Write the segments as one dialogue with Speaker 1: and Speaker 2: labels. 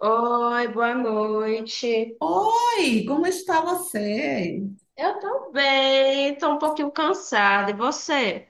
Speaker 1: Oi, boa noite.
Speaker 2: Oi, como está você?
Speaker 1: Eu tô bem, tô um pouquinho cansada. E você?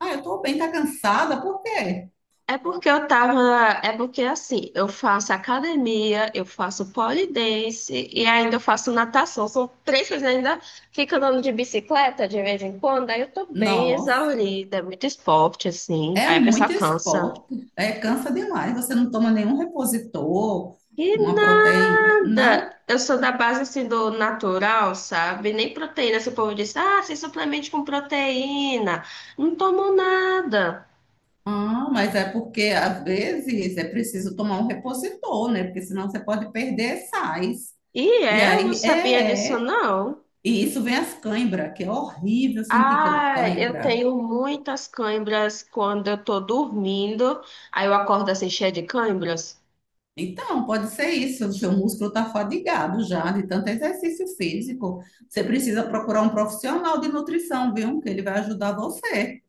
Speaker 2: Ah, eu tô bem, tá cansada? Por quê?
Speaker 1: É porque eu tava. É porque assim, eu faço academia, eu faço pole dance e ainda eu faço natação. São três coisas, ainda fico andando de bicicleta de vez em quando. Aí eu tô bem
Speaker 2: Nossa,
Speaker 1: exaurida, é muito esporte, assim.
Speaker 2: é
Speaker 1: Aí a pessoa
Speaker 2: muito
Speaker 1: cansa.
Speaker 2: esporte. É, cansa demais. Você não toma nenhum repositor,
Speaker 1: Que
Speaker 2: uma proteína, não?
Speaker 1: nada! Eu sou da base assim do natural, sabe? Nem proteína. Se o povo diz, ah, você suplemente com proteína. Não tomo nada.
Speaker 2: Ah, mas é porque às vezes é preciso tomar um repositor, né? Porque senão você pode perder sais.
Speaker 1: E
Speaker 2: E
Speaker 1: é, eu não
Speaker 2: aí,
Speaker 1: sabia
Speaker 2: é,
Speaker 1: disso,
Speaker 2: é.
Speaker 1: não.
Speaker 2: E isso vem as cãibras, que é horrível sentir
Speaker 1: Ah, eu
Speaker 2: cãibra.
Speaker 1: tenho muitas cãibras quando eu tô dormindo. Aí eu acordo assim, cheia de cãibras.
Speaker 2: Então, pode ser isso. O seu músculo está fadigado já de tanto exercício físico. Você precisa procurar um profissional de nutrição, viu? Que ele vai ajudar você,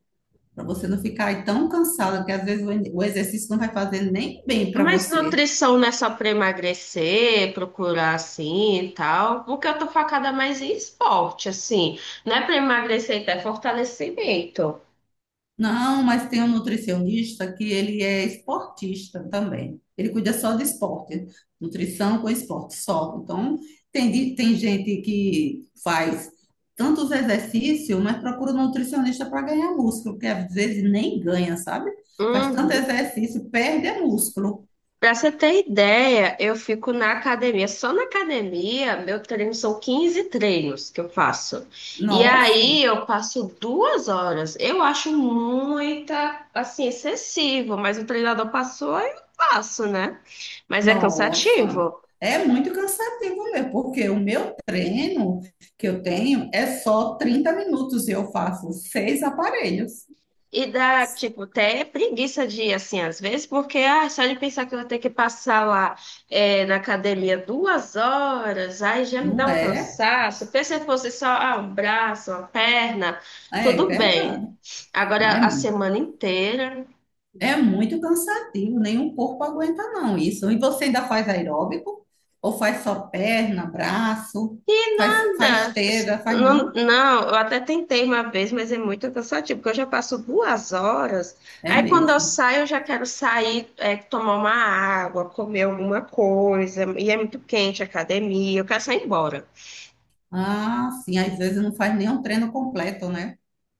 Speaker 2: para você não ficar aí tão cansada, que às vezes o exercício não vai fazer nem bem para
Speaker 1: Mas
Speaker 2: você.
Speaker 1: nutrição não é só pra emagrecer, procurar assim e tal. Porque eu tô focada mais em esporte, assim. Não é pra emagrecer, então é fortalecimento.
Speaker 2: Não, mas tem um nutricionista que ele é esportista também. Ele cuida só de esporte, nutrição com esporte só. Então, tem gente que faz tantos exercícios, mas procura um nutricionista para ganhar músculo, porque às vezes nem ganha, sabe? Faz tanto
Speaker 1: Uhum.
Speaker 2: exercício, perde é músculo.
Speaker 1: Pra você ter ideia, eu fico na academia. Só na academia, meu treino são 15 treinos que eu faço. E
Speaker 2: Nossa,
Speaker 1: aí eu passo 2 horas. Eu acho muita, assim, excessivo, mas o treinador passou, eu passo, né? Mas é
Speaker 2: nossa.
Speaker 1: cansativo.
Speaker 2: É muito cansativo mesmo, porque o meu treino que eu tenho é só 30 minutos e eu faço seis aparelhos.
Speaker 1: E dá, tipo, até preguiça de ir, assim, às vezes, porque ah, só de pensar que eu vou ter que passar lá, é, na academia 2 horas, aí já me
Speaker 2: Não
Speaker 1: dá um
Speaker 2: é?
Speaker 1: cansaço. Pensa se fosse só, ah, um braço, uma perna,
Speaker 2: É
Speaker 1: tudo bem.
Speaker 2: verdade. Ah,
Speaker 1: Agora,
Speaker 2: é,
Speaker 1: a
Speaker 2: mu-
Speaker 1: semana inteira.
Speaker 2: é muito cansativo, nenhum corpo aguenta não isso. E você ainda faz aeróbico? Ou faz só perna, braço? Faz, faz
Speaker 1: Nada.
Speaker 2: esteira, faz
Speaker 1: Não,
Speaker 2: não?
Speaker 1: não, eu até tentei uma vez, mas é muito cansativo, porque eu já passo 2 horas.
Speaker 2: É
Speaker 1: Aí quando eu
Speaker 2: mesmo.
Speaker 1: saio, eu já quero sair, é, tomar uma água, comer alguma coisa, e é muito quente a academia, eu quero sair embora.
Speaker 2: Ah, sim, às vezes não faz nenhum treino completo, né?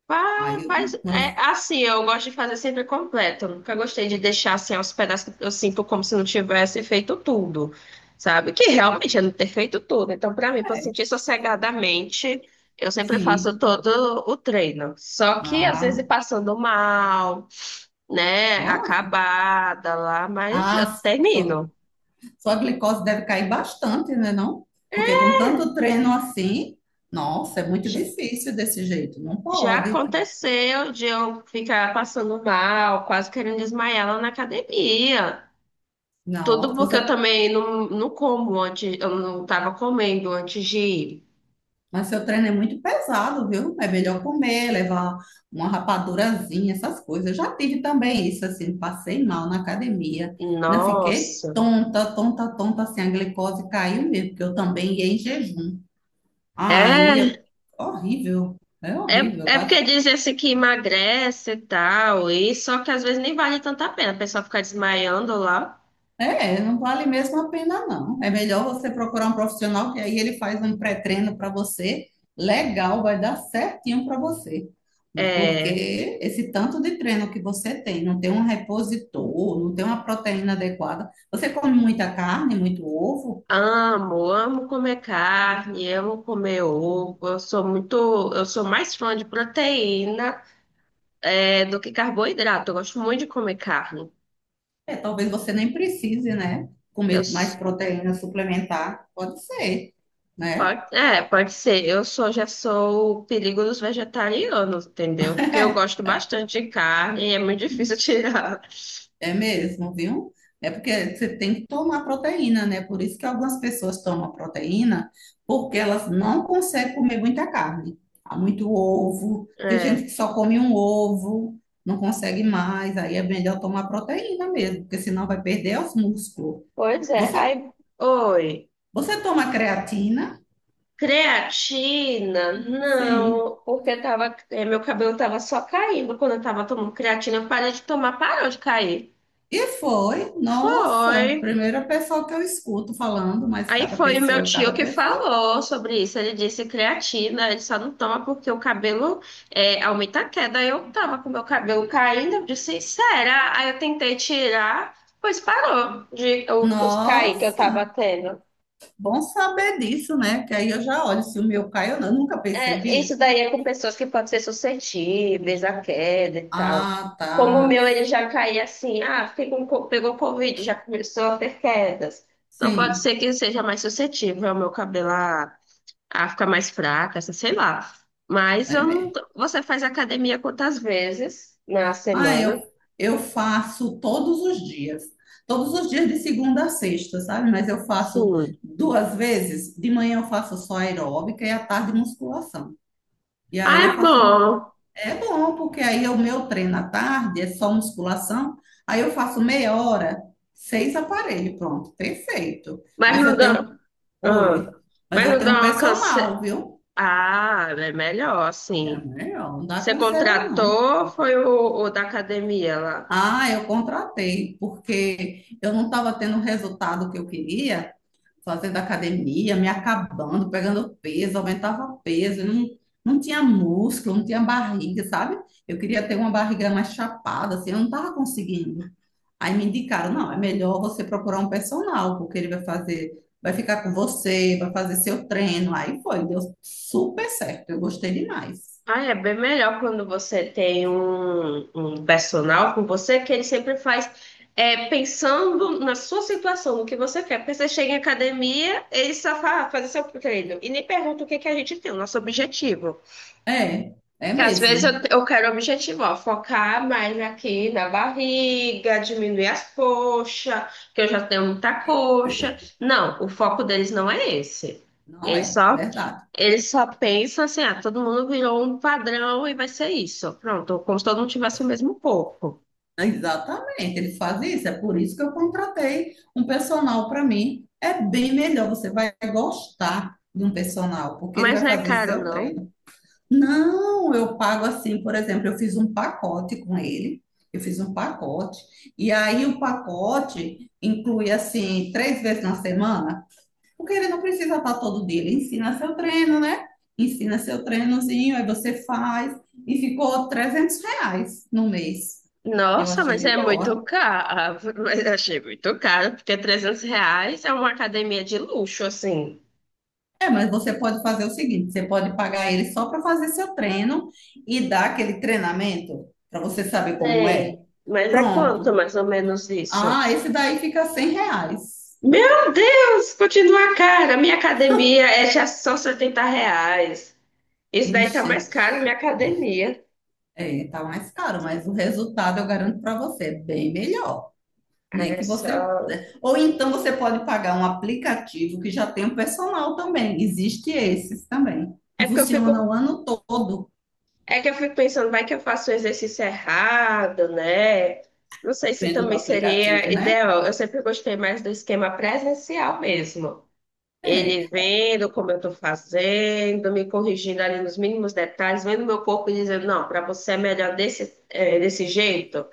Speaker 1: Fa-
Speaker 2: Aí, eu-
Speaker 1: Faz, é,
Speaker 2: mas,
Speaker 1: assim, eu gosto de fazer sempre completo. Eu nunca gostei de deixar assim aos pedaços, que eu sinto como se não tivesse feito tudo, sabe? Que realmente é não ter feito tudo. Então, para mim, para
Speaker 2: é,
Speaker 1: sentir sossegadamente, eu sempre faço
Speaker 2: sim.
Speaker 1: todo o treino. Só que às
Speaker 2: Ah,
Speaker 1: vezes passando mal, né?
Speaker 2: ó,
Speaker 1: Acabada lá, mas eu
Speaker 2: ah, sua,
Speaker 1: termino.
Speaker 2: sua glicose deve cair bastante, né, não? Porque com tanto treino assim, nossa, é muito
Speaker 1: J-
Speaker 2: difícil desse jeito, não
Speaker 1: Já
Speaker 2: pode.
Speaker 1: aconteceu de eu ficar passando mal, quase querendo desmaiar lá na academia. Tudo
Speaker 2: Nossa,
Speaker 1: porque eu
Speaker 2: você...
Speaker 1: também não, não como antes, eu não tava comendo antes de ir.
Speaker 2: mas seu treino é muito pesado, viu? É melhor comer, levar uma rapadurazinha, essas coisas. Eu já tive também isso, assim, passei mal na academia, né? Fiquei
Speaker 1: Nossa.
Speaker 2: tonta, tonta, tonta, assim, a glicose caiu mesmo, porque eu também ia em jejum. Aí,
Speaker 1: É,
Speaker 2: eu- horrível, é horrível.
Speaker 1: é, é, porque dizem assim que emagrece e tal, e só que às vezes nem vale tanto a pena, a pessoa fica desmaiando lá.
Speaker 2: É, não vale mesmo a pena, não. É melhor você procurar um profissional que aí ele faz um pré-treino para você. Legal, vai dar certinho para você.
Speaker 1: É,
Speaker 2: Porque esse tanto de treino que você tem, não tem um repositor, não tem uma proteína adequada. Você come muita carne, muito ovo,
Speaker 1: amo, amo comer carne, amo comer ovo. Eu sou mais fã de proteína, é, do que carboidrato. Eu gosto muito de comer carne.
Speaker 2: é, talvez você nem precise, né?
Speaker 1: Eu
Speaker 2: Comer mais proteína suplementar, pode ser, né?
Speaker 1: Pode, é, pode ser. Eu sou, já sou o perigo dos vegetarianos, entendeu? Porque eu gosto bastante de carne e é muito difícil tirar.
Speaker 2: É mesmo, viu? É porque você tem que tomar proteína, né? Por isso que algumas pessoas tomam proteína, porque elas não conseguem comer muita carne. Há muito ovo, tem
Speaker 1: É.
Speaker 2: gente que só come um ovo, não consegue mais, aí é melhor tomar proteína mesmo, porque senão vai perder os músculos.
Speaker 1: Pois é.
Speaker 2: Você,
Speaker 1: Aí, oi.
Speaker 2: você toma creatina?
Speaker 1: Creatina?
Speaker 2: Sim.
Speaker 1: Não, porque tava, é, meu cabelo tava só caindo quando eu tava tomando creatina. Eu parei de tomar, parou de cair.
Speaker 2: E foi, nossa,
Speaker 1: Foi.
Speaker 2: primeira pessoa que eu escuto falando, mas
Speaker 1: Aí
Speaker 2: cada
Speaker 1: foi o meu
Speaker 2: pessoa é
Speaker 1: tio
Speaker 2: cada
Speaker 1: que
Speaker 2: pessoa.
Speaker 1: falou sobre isso. Ele disse creatina, ele só não toma porque o cabelo, é, aumenta a queda. Aí eu tava com meu cabelo caindo, eu disse, será? Aí eu tentei tirar, pois parou de os cair que eu tava
Speaker 2: Nossa!
Speaker 1: tendo.
Speaker 2: Bom saber disso, né? Que aí eu já olho se o meu cai ou não. Eu nunca
Speaker 1: É,
Speaker 2: percebi.
Speaker 1: isso daí é com pessoas que podem ser suscetíveis à queda e tal.
Speaker 2: Ah, tá.
Speaker 1: Como o meu, ele já caía assim, ah, fiquei pegou Covid, já começou a ter quedas. Então pode
Speaker 2: Sim,
Speaker 1: ser que seja mais suscetível ao meu cabelo. Ah, fica mais fraca, essa- sei lá. Mas
Speaker 2: é
Speaker 1: eu não.
Speaker 2: mesmo.
Speaker 1: Você faz academia quantas vezes na
Speaker 2: Ah, eu,
Speaker 1: semana?
Speaker 2: eu faço todos os dias. Todos os dias de segunda a sexta, sabe? Mas eu faço
Speaker 1: Sim.
Speaker 2: duas vezes. De manhã eu faço só aeróbica e à tarde musculação. E
Speaker 1: Ah,
Speaker 2: aí eu
Speaker 1: é
Speaker 2: faço.
Speaker 1: bom.
Speaker 2: É bom, porque aí o meu treino à tarde é só musculação. Aí eu faço meia hora, seis aparelhos, pronto, perfeito.
Speaker 1: Mas
Speaker 2: Mas
Speaker 1: não
Speaker 2: eu
Speaker 1: dá.
Speaker 2: tenho.
Speaker 1: Ah,
Speaker 2: Oi, mas
Speaker 1: mas
Speaker 2: eu
Speaker 1: não dá
Speaker 2: tenho
Speaker 1: uma canse-
Speaker 2: personal, viu?
Speaker 1: Ah, é melhor,
Speaker 2: É
Speaker 1: sim.
Speaker 2: melhor, não dá
Speaker 1: Você
Speaker 2: canseira, não.
Speaker 1: contratou ou foi o da academia lá?
Speaker 2: Ah, eu contratei, porque eu não estava tendo o resultado que eu queria, fazendo academia, me acabando, pegando peso, aumentava peso, não, não tinha músculo, não tinha barriga, sabe? Eu queria ter uma barriga mais chapada, assim, eu não estava conseguindo. Aí me indicaram, não, é melhor você procurar um personal, porque ele vai fazer, vai ficar com você, vai fazer seu treino. Aí foi, deu super certo, eu gostei demais.
Speaker 1: Ah, é bem melhor quando você tem um personal com você, que ele sempre faz, é, pensando na sua situação, no que você quer. Porque você chega em academia, ele só fala, "Ah, fazer seu treino." E nem pergunta o que que a gente tem, o nosso objetivo.
Speaker 2: É, é
Speaker 1: Que às vezes eu,
Speaker 2: mesmo,
Speaker 1: eu quero objetivo, ó, focar mais aqui na barriga, diminuir as coxas, que eu já tenho muita coxa. Não, o foco deles não é esse.
Speaker 2: não
Speaker 1: Eles
Speaker 2: é,
Speaker 1: só
Speaker 2: verdade.
Speaker 1: eles só pensam assim, ah, todo mundo virou um padrão e vai ser isso. Pronto, como se todo mundo tivesse o mesmo corpo.
Speaker 2: Exatamente, ele faz isso, é por isso que eu contratei um personal para mim. É bem melhor, você vai gostar de um personal, porque ele
Speaker 1: Mas
Speaker 2: vai
Speaker 1: não é
Speaker 2: fazer
Speaker 1: caro,
Speaker 2: seu
Speaker 1: não.
Speaker 2: treino. Não, eu pago assim, por exemplo, eu fiz um pacote com ele, eu fiz um pacote, e aí o pacote inclui assim, três vezes na semana, porque ele não precisa estar todo dia, ele ensina seu treino, né? Ensina seu treinozinho, aí você faz, e ficou R$ 300 no mês. Eu
Speaker 1: Nossa,
Speaker 2: achei
Speaker 1: mas
Speaker 2: de
Speaker 1: é muito
Speaker 2: boa.
Speaker 1: caro. Mas eu achei muito caro, porque R$ 300 é uma academia de luxo, assim.
Speaker 2: É, mas você pode fazer o seguinte: você pode pagar ele só para fazer seu treino e dar aquele treinamento para você saber como é.
Speaker 1: Sei. Mas é quanto
Speaker 2: Pronto.
Speaker 1: mais ou menos isso?
Speaker 2: Ah, esse daí fica R$ 100.
Speaker 1: Meu Deus, continua cara. Minha academia é já só R$ 70. Isso daí tá
Speaker 2: Vixe,
Speaker 1: mais caro, minha academia.
Speaker 2: é, tá mais caro, mas o resultado eu garanto para você, é bem melhor, né?
Speaker 1: É
Speaker 2: Que você
Speaker 1: só.
Speaker 2: é, ou então você pode pagar um aplicativo que já tem o personal também. Existe esses também,
Speaker 1: É
Speaker 2: que
Speaker 1: porque eu
Speaker 2: funciona
Speaker 1: fico
Speaker 2: o ano todo,
Speaker 1: É que eu fico pensando, vai que eu faço o exercício errado, né? Não sei se
Speaker 2: vendo do
Speaker 1: também seria
Speaker 2: aplicativo, né?
Speaker 1: ideal. Eu sempre gostei mais do esquema presencial mesmo. Ele
Speaker 2: É.
Speaker 1: vendo como eu estou fazendo, me corrigindo ali nos mínimos detalhes, vendo meu corpo e dizendo, não, para você é melhor desse, é, desse jeito,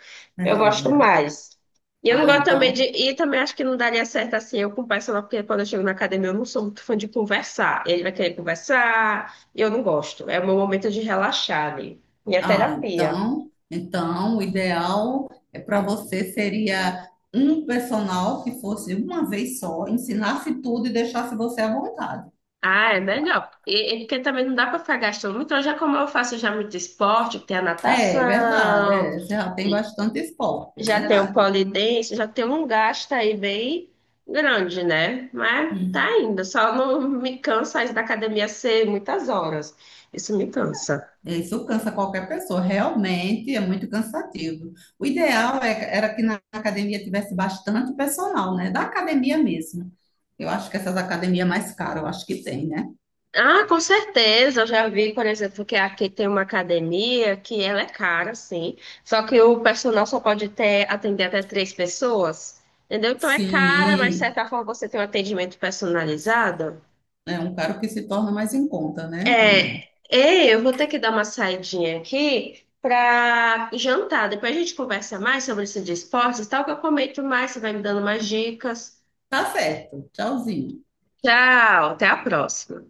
Speaker 1: eu gosto
Speaker 2: É.
Speaker 1: mais. E eu não
Speaker 2: Ah,
Speaker 1: gosto também de.
Speaker 2: então
Speaker 1: E também acho que não daria certo assim eu com o personal, porque quando eu chego na academia eu não sou muito fã de conversar. Ele vai querer conversar, e eu não gosto. É o meu momento de relaxar ali. Minha
Speaker 2: Ah,
Speaker 1: terapia.
Speaker 2: então, então o ideal é para você seria um personal que fosse uma vez só, ensinasse tudo e deixasse você à vontade.
Speaker 1: Ah, é melhor. E porque também não dá para ficar gastando muito. Hoje, é como eu faço já muito esporte, tem a
Speaker 2: É, é verdade,
Speaker 1: natação.
Speaker 2: é, você já tem bastante esporte, é
Speaker 1: Já tem o
Speaker 2: verdade.
Speaker 1: polidense, já tem um gasto aí bem grande, né? Mas tá
Speaker 2: Hum.
Speaker 1: indo, só não me cansa isso da academia ser muitas horas. Isso me cansa.
Speaker 2: Isso cansa qualquer pessoa, realmente é muito cansativo. O ideal era que na academia tivesse bastante personal, né? Da academia mesmo. Eu acho que essas academias mais caras, eu acho que tem, né?
Speaker 1: Ah, com certeza, eu já vi, por exemplo, que aqui tem uma academia que ela é cara, sim, só que o personal só pode ter, atender até três pessoas, entendeu? Então é cara, mas de
Speaker 2: Sim.
Speaker 1: certa forma você tem um atendimento personalizado.
Speaker 2: É um caro que se torna mais em conta, né? Também.
Speaker 1: É, ei, eu vou ter que dar uma saidinha aqui para jantar. Depois a gente conversa mais sobre isso de esportes, tal, que eu comento mais, você vai me dando mais dicas.
Speaker 2: Tá certo. Tchauzinho.
Speaker 1: Tchau, até a próxima.